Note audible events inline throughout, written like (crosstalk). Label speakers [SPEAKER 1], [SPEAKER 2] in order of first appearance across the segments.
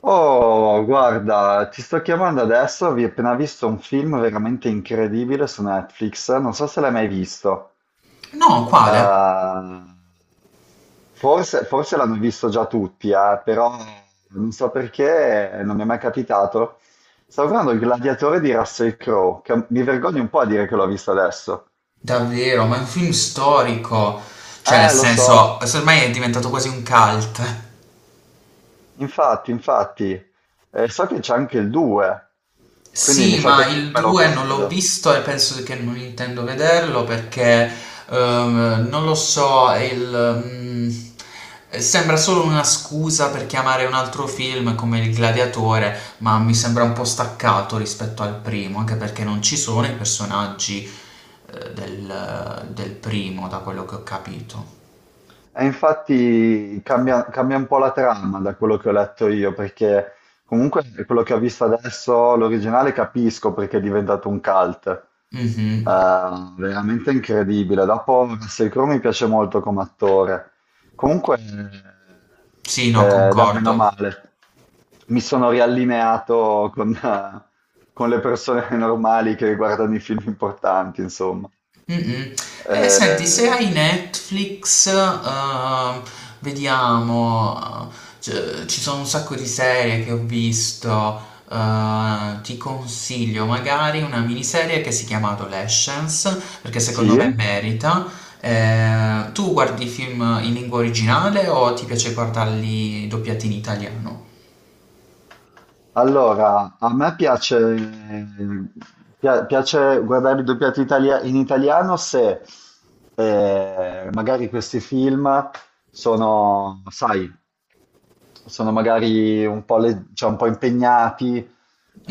[SPEAKER 1] Oh, guarda, ti sto chiamando adesso, ho appena visto un film veramente incredibile su Netflix, non so se l'hai mai visto.
[SPEAKER 2] No, quale?
[SPEAKER 1] Eh, forse l'hanno visto già tutti, però non so perché, non mi è mai capitato. Stavo guardando Il Gladiatore di Russell Crowe, che mi vergogno un po' a dire che l'ho visto adesso.
[SPEAKER 2] Davvero, ma è un film storico. Cioè, nel
[SPEAKER 1] Lo so,
[SPEAKER 2] senso, ormai è diventato quasi un cult.
[SPEAKER 1] infatti. So che c'è anche il 2, quindi mi
[SPEAKER 2] Sì,
[SPEAKER 1] sa che
[SPEAKER 2] ma
[SPEAKER 1] dopo
[SPEAKER 2] il
[SPEAKER 1] me lo
[SPEAKER 2] 2 non l'ho
[SPEAKER 1] guardo.
[SPEAKER 2] visto e penso che non intendo vederlo perché non lo so, sembra solo una scusa per chiamare un altro film come Il Gladiatore, ma mi sembra un po' staccato rispetto al primo, anche perché non ci sono i personaggi del primo, da quello che ho capito.
[SPEAKER 1] E infatti cambia, un po' la trama da quello che ho letto io, perché comunque quello che ho visto adesso, l'originale capisco perché è diventato un cult.
[SPEAKER 2] Mhm.
[SPEAKER 1] Veramente incredibile. Dopo, Russell Crowe mi piace molto come attore. Comunque,
[SPEAKER 2] Sì, no,
[SPEAKER 1] dai, meno
[SPEAKER 2] concordo.
[SPEAKER 1] male. Mi sono riallineato con, (laughs) con le persone normali che guardano i film importanti, insomma.
[SPEAKER 2] Mm-mm. E senti, se
[SPEAKER 1] Eh,
[SPEAKER 2] hai Netflix, vediamo, ci sono un sacco di serie che ho visto, ti consiglio magari una miniserie che si chiama Adolescence, perché secondo
[SPEAKER 1] sì?
[SPEAKER 2] me merita. Tu guardi film in lingua originale o ti piace guardarli doppiati in italiano?
[SPEAKER 1] Allora, a me piace, piace guardare i doppiati in italiano se magari questi film sono, sai, sono magari un po', cioè un po' impegnati,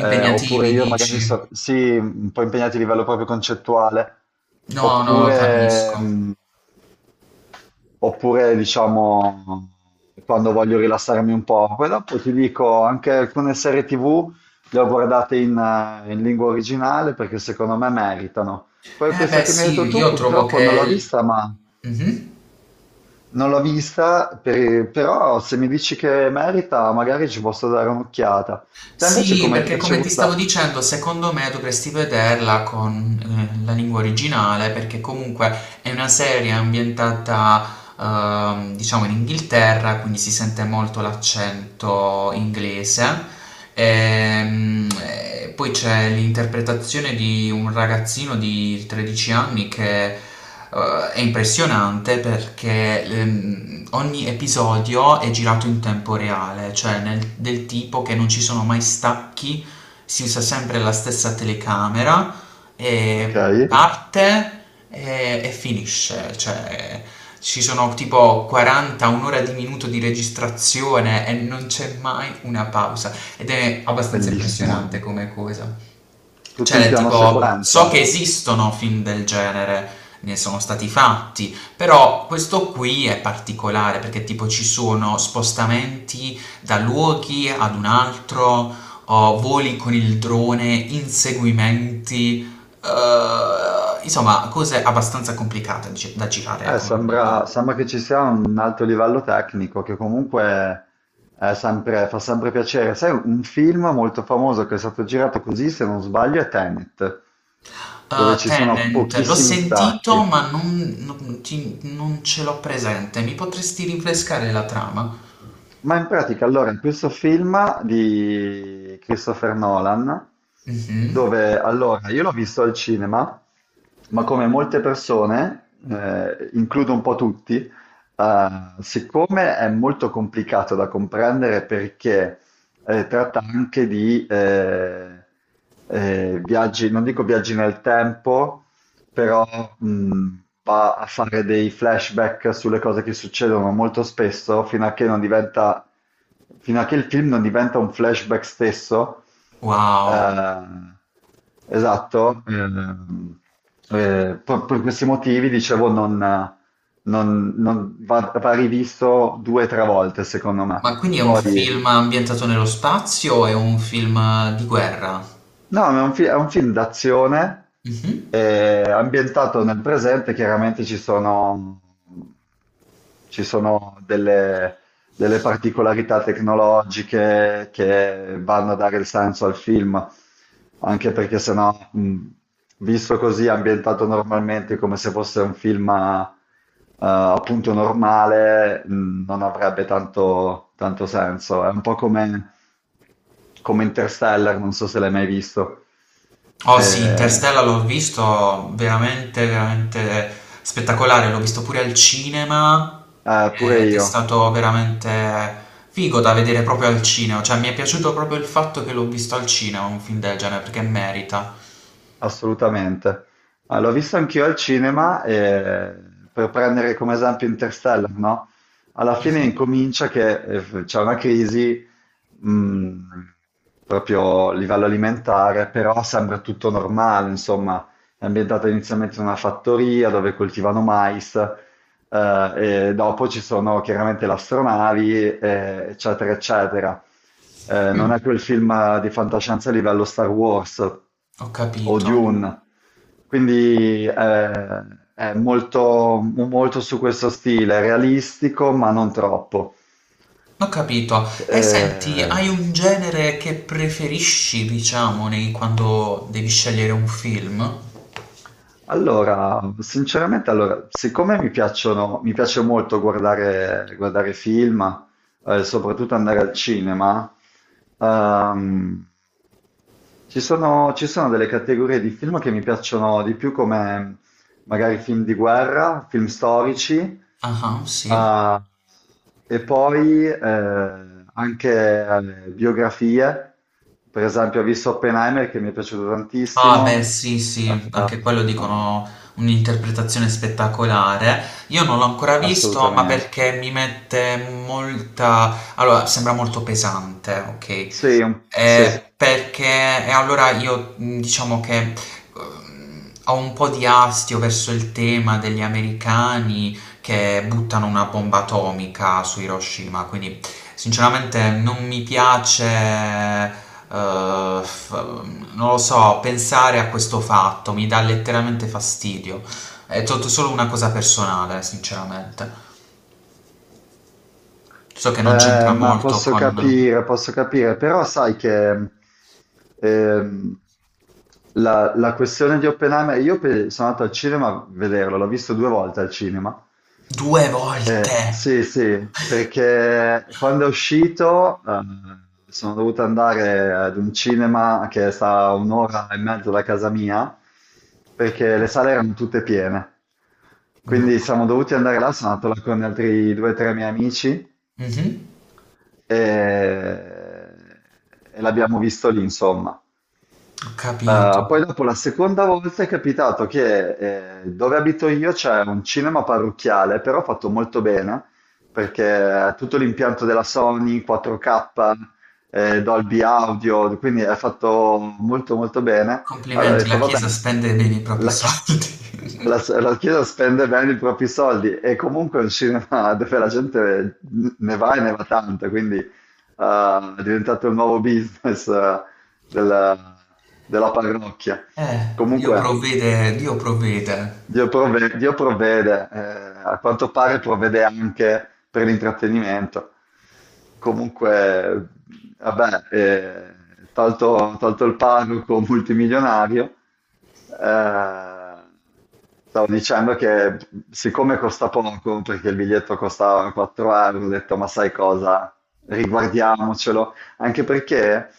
[SPEAKER 1] oppure io magari
[SPEAKER 2] dici?
[SPEAKER 1] sì, un po' impegnati a livello proprio concettuale,
[SPEAKER 2] No, no,
[SPEAKER 1] oppure,
[SPEAKER 2] capisco.
[SPEAKER 1] oppure diciamo quando voglio rilassarmi un po'. Poi dopo ti dico, anche alcune serie TV le ho guardate in lingua originale perché secondo me meritano. Poi
[SPEAKER 2] Eh
[SPEAKER 1] questa
[SPEAKER 2] beh
[SPEAKER 1] che mi hai detto
[SPEAKER 2] sì,
[SPEAKER 1] tu,
[SPEAKER 2] io trovo
[SPEAKER 1] purtroppo non l'ho
[SPEAKER 2] che.
[SPEAKER 1] vista, ma
[SPEAKER 2] Mh-mh.
[SPEAKER 1] non l'ho vista, però se mi dici che merita, magari ci posso dare un'occhiata. Te invece
[SPEAKER 2] Sì,
[SPEAKER 1] come ti
[SPEAKER 2] perché
[SPEAKER 1] piace
[SPEAKER 2] come ti stavo
[SPEAKER 1] guardare?
[SPEAKER 2] dicendo, secondo me dovresti vederla con, la lingua originale, perché comunque è una serie ambientata diciamo in Inghilterra, quindi si sente molto l'accento inglese. Ehm, e poi c'è l'interpretazione di un ragazzino di 13 anni che è impressionante perché ogni episodio è girato in tempo reale, cioè del tipo che non ci sono mai stacchi, si usa sempre la stessa telecamera
[SPEAKER 1] Ok,
[SPEAKER 2] e parte e finisce, cioè ci sono tipo 40, un'ora di minuto di registrazione e non c'è mai una pausa ed è abbastanza
[SPEAKER 1] bellissimo.
[SPEAKER 2] impressionante come cosa.
[SPEAKER 1] Tutto
[SPEAKER 2] Cioè,
[SPEAKER 1] in
[SPEAKER 2] del
[SPEAKER 1] piano
[SPEAKER 2] tipo, so che
[SPEAKER 1] sequenza.
[SPEAKER 2] esistono film del genere, ne sono stati fatti, però questo qui è particolare perché tipo ci sono spostamenti da luoghi ad un altro, o voli con il drone, inseguimenti, insomma, cose abbastanza complicate da girare con
[SPEAKER 1] Sembra che ci sia un alto livello tecnico che comunque fa sempre piacere. Sai, un film molto famoso che è stato girato così, se non sbaglio, è Tenet, dove ci sono
[SPEAKER 2] Tenant, l'ho
[SPEAKER 1] pochissimi
[SPEAKER 2] sentito,
[SPEAKER 1] stacchi.
[SPEAKER 2] ma non ce l'ho presente. Mi potresti rinfrescare la trama?
[SPEAKER 1] Ma in pratica, allora, in questo film di Christopher Nolan,
[SPEAKER 2] Mhm.
[SPEAKER 1] dove allora io l'ho visto al cinema, ma come molte persone, includo un po' tutti. Siccome è molto complicato da comprendere perché tratta anche di viaggi, non dico viaggi nel tempo, però mh, va a fare dei flashback sulle cose che succedono molto spesso fino a che il film non diventa un flashback stesso.
[SPEAKER 2] Wow.
[SPEAKER 1] Eh, esatto. Per questi motivi, dicevo, va rivisto due o tre volte, secondo me.
[SPEAKER 2] Ma quindi è un
[SPEAKER 1] Poi,
[SPEAKER 2] film ambientato nello spazio? O è un film di guerra?
[SPEAKER 1] no, è un film d'azione
[SPEAKER 2] Mh-mh.
[SPEAKER 1] ambientato nel presente, chiaramente ci sono delle particolarità tecnologiche che vanno a dare il senso al film, anche perché sennò, visto così, ambientato normalmente come se fosse un film appunto normale, non avrebbe tanto senso. È un po' come, come Interstellar, non so se l'hai mai visto.
[SPEAKER 2] Oh sì,
[SPEAKER 1] Eh,
[SPEAKER 2] Interstellar l'ho visto veramente, veramente spettacolare, l'ho visto pure al cinema
[SPEAKER 1] pure
[SPEAKER 2] ed è
[SPEAKER 1] io.
[SPEAKER 2] stato veramente figo da vedere proprio al cinema, cioè mi è piaciuto proprio il fatto che l'ho visto al cinema, un film del genere, perché merita.
[SPEAKER 1] Assolutamente. Ah, l'ho visto anch'io al cinema, e, per prendere come esempio Interstellar, no? Alla fine
[SPEAKER 2] Mh-mh.
[SPEAKER 1] incomincia che c'è una crisi, mh, proprio a livello alimentare, però sembra tutto normale, insomma, è ambientata inizialmente in una fattoria dove coltivano mais, e dopo ci sono chiaramente le astronavi, eccetera, eccetera.
[SPEAKER 2] Mh,
[SPEAKER 1] Non è quel film di fantascienza a livello Star Wars
[SPEAKER 2] ho
[SPEAKER 1] o
[SPEAKER 2] capito.
[SPEAKER 1] Dune, quindi è molto su questo stile, realistico ma non troppo.
[SPEAKER 2] Ho capito. E senti,
[SPEAKER 1] Eh,
[SPEAKER 2] hai un genere che preferisci, diciamo, quando devi scegliere un film?
[SPEAKER 1] Allora, sinceramente, allora, siccome mi piacciono, mi piace molto guardare, guardare film, soprattutto andare al cinema, ehm, ci sono delle categorie di film che mi piacciono di più, come magari film di guerra, film storici,
[SPEAKER 2] Ah, ah, sì.
[SPEAKER 1] eh, e poi anche biografie. Per esempio, ho visto Oppenheimer che mi è piaciuto
[SPEAKER 2] Ah, beh,
[SPEAKER 1] tantissimo.
[SPEAKER 2] sì, sì,
[SPEAKER 1] Ah,
[SPEAKER 2] anche quello dicono un'interpretazione spettacolare. Io non l'ho ancora visto, ma
[SPEAKER 1] assolutamente.
[SPEAKER 2] perché mi mette molta... Allora, sembra molto pesante, ok?
[SPEAKER 1] Sì, sì.
[SPEAKER 2] Perché e allora io diciamo che ho un po' di astio verso il tema degli americani che buttano una bomba atomica su Hiroshima, quindi sinceramente non mi piace, f- non lo so, pensare a questo fatto, mi dà letteralmente fastidio. È tutto solo una cosa personale, sinceramente. So che non c'entra
[SPEAKER 1] Ma
[SPEAKER 2] molto
[SPEAKER 1] posso
[SPEAKER 2] con...
[SPEAKER 1] posso capire, però sai che ehm, la questione di Oppenheimer, io sono andato al cinema a vederlo, l'ho visto due volte al cinema.
[SPEAKER 2] Due volte!
[SPEAKER 1] Sì, sì, perché quando è uscito sono dovuto andare ad un cinema che sta a un'ora e mezzo da casa mia, perché le sale erano tutte piene.
[SPEAKER 2] No.
[SPEAKER 1] Quindi siamo dovuti andare là, sono andato là con altri due o tre miei amici
[SPEAKER 2] Mh-mh.
[SPEAKER 1] e, e l'abbiamo visto lì, insomma.
[SPEAKER 2] Ho capito.
[SPEAKER 1] Poi dopo la seconda volta è capitato che dove abito io c'è un cinema parrocchiale, però fatto molto bene, perché è tutto l'impianto della Sony, 4K, Dolby Audio, quindi è fatto molto molto bene. Allora ho
[SPEAKER 2] Complimenti, la
[SPEAKER 1] detto, va
[SPEAKER 2] Chiesa
[SPEAKER 1] bene,
[SPEAKER 2] spende bene i propri
[SPEAKER 1] la, chi- (laughs)
[SPEAKER 2] soldi. (laughs)
[SPEAKER 1] la Chiesa spende bene i propri soldi e comunque è un cinema (laughs) dove la gente ne va e ne va tanto, quindi è diventato il nuovo business della, della parrocchia.
[SPEAKER 2] Dio
[SPEAKER 1] Comunque,
[SPEAKER 2] provvede Dio provvede.
[SPEAKER 1] Dio provvede, a quanto pare provvede anche per l'intrattenimento. Comunque, vabbè, tolto il parroco multimilionario, eh, stavo dicendo che siccome costa poco, perché il biglietto costava 4 euro, ho detto, ma sai cosa, riguardiamocelo, anche perché,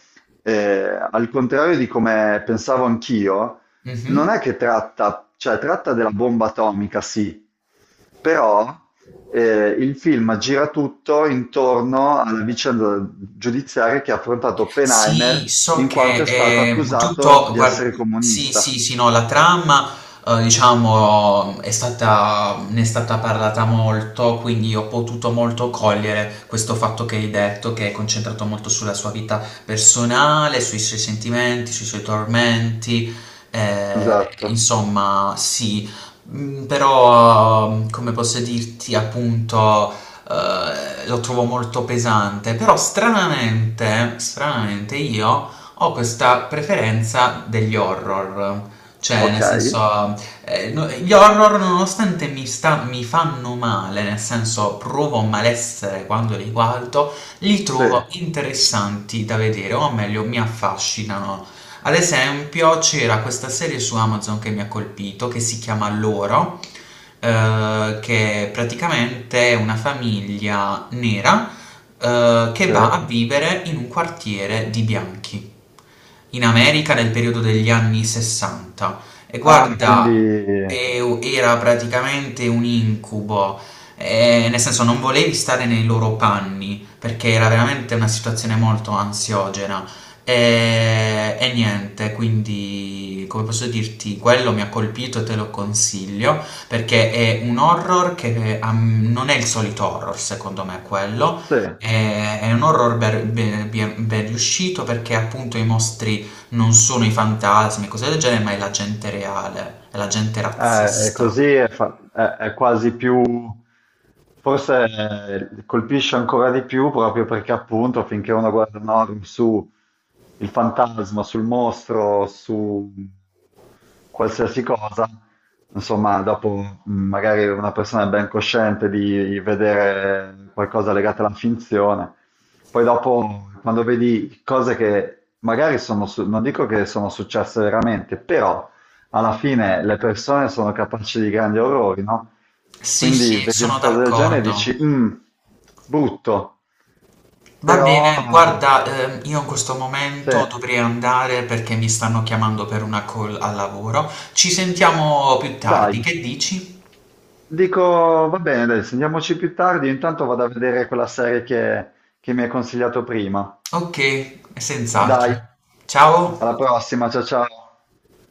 [SPEAKER 1] al contrario di come pensavo anch'io,
[SPEAKER 2] Mh-mh.
[SPEAKER 1] non è che tratta, cioè tratta della bomba atomica, sì, però il film gira tutto intorno alla vicenda giudiziaria che ha affrontato
[SPEAKER 2] Sì,
[SPEAKER 1] Oppenheimer
[SPEAKER 2] so
[SPEAKER 1] in quanto
[SPEAKER 2] che
[SPEAKER 1] è stato
[SPEAKER 2] è un
[SPEAKER 1] accusato
[SPEAKER 2] tutto,
[SPEAKER 1] di
[SPEAKER 2] guarda,
[SPEAKER 1] essere
[SPEAKER 2] sì,
[SPEAKER 1] comunista.
[SPEAKER 2] sì, sì, no, la trama, diciamo, è stata, ne è stata parlata molto, quindi ho potuto molto cogliere questo fatto che hai detto, che è concentrato molto sulla sua vita personale, sui suoi sentimenti, sui suoi tormenti, eh,
[SPEAKER 1] Esatto,
[SPEAKER 2] insomma, sì, Mm, però, come posso dirti, appunto lo trovo molto pesante, però stranamente io ho questa preferenza degli horror. Cioè,
[SPEAKER 1] ok?
[SPEAKER 2] nel senso, gli horror nonostante mi fanno male, nel senso provo malessere quando li guardo, li
[SPEAKER 1] Sì,
[SPEAKER 2] trovo interessanti da vedere, o meglio, mi affascinano. Ad esempio, c'era questa serie su Amazon che mi ha colpito, che si chiama Loro, che praticamente è una famiglia nera che
[SPEAKER 1] sì.
[SPEAKER 2] va a vivere in un quartiere di bianchi in America nel periodo degli anni 60. E
[SPEAKER 1] Ah,
[SPEAKER 2] guarda,
[SPEAKER 1] quindi
[SPEAKER 2] era praticamente un incubo, nel senso non volevi stare nei loro panni perché era veramente una situazione molto ansiogena. E niente, quindi come posso dirti, quello mi ha colpito e te lo consiglio perché è un horror che ah, non è il solito horror, secondo me, quello.
[SPEAKER 1] sì.
[SPEAKER 2] È un horror ben riuscito perché appunto i mostri non sono i fantasmi e cose del genere, ma è la gente reale, è la gente
[SPEAKER 1] È
[SPEAKER 2] razzista.
[SPEAKER 1] così, è quasi più, forse colpisce ancora di più proprio perché appunto finché uno guarda un horror su il fantasma, sul mostro, su qualsiasi cosa, insomma, dopo magari una persona è ben cosciente di vedere qualcosa legato alla finzione, poi dopo quando vedi cose che magari non dico che sono successe veramente, però alla fine le persone sono capaci di grandi orrori, no?
[SPEAKER 2] Sì,
[SPEAKER 1] Quindi
[SPEAKER 2] sì,
[SPEAKER 1] vedi una
[SPEAKER 2] sono
[SPEAKER 1] cosa del genere e
[SPEAKER 2] d'accordo.
[SPEAKER 1] dici, "Mm, brutto,
[SPEAKER 2] Va
[SPEAKER 1] però
[SPEAKER 2] bene, guarda, io in questo
[SPEAKER 1] se
[SPEAKER 2] momento dovrei andare perché mi stanno chiamando per una call al lavoro. Ci sentiamo più tardi,
[SPEAKER 1] dai,
[SPEAKER 2] che dici?
[SPEAKER 1] dico, va bene, dai, sentiamoci più tardi, io intanto vado a vedere quella serie che mi hai consigliato prima.
[SPEAKER 2] Ok, senz'altro.
[SPEAKER 1] Dai, alla
[SPEAKER 2] Ciao.
[SPEAKER 1] prossima, ciao ciao.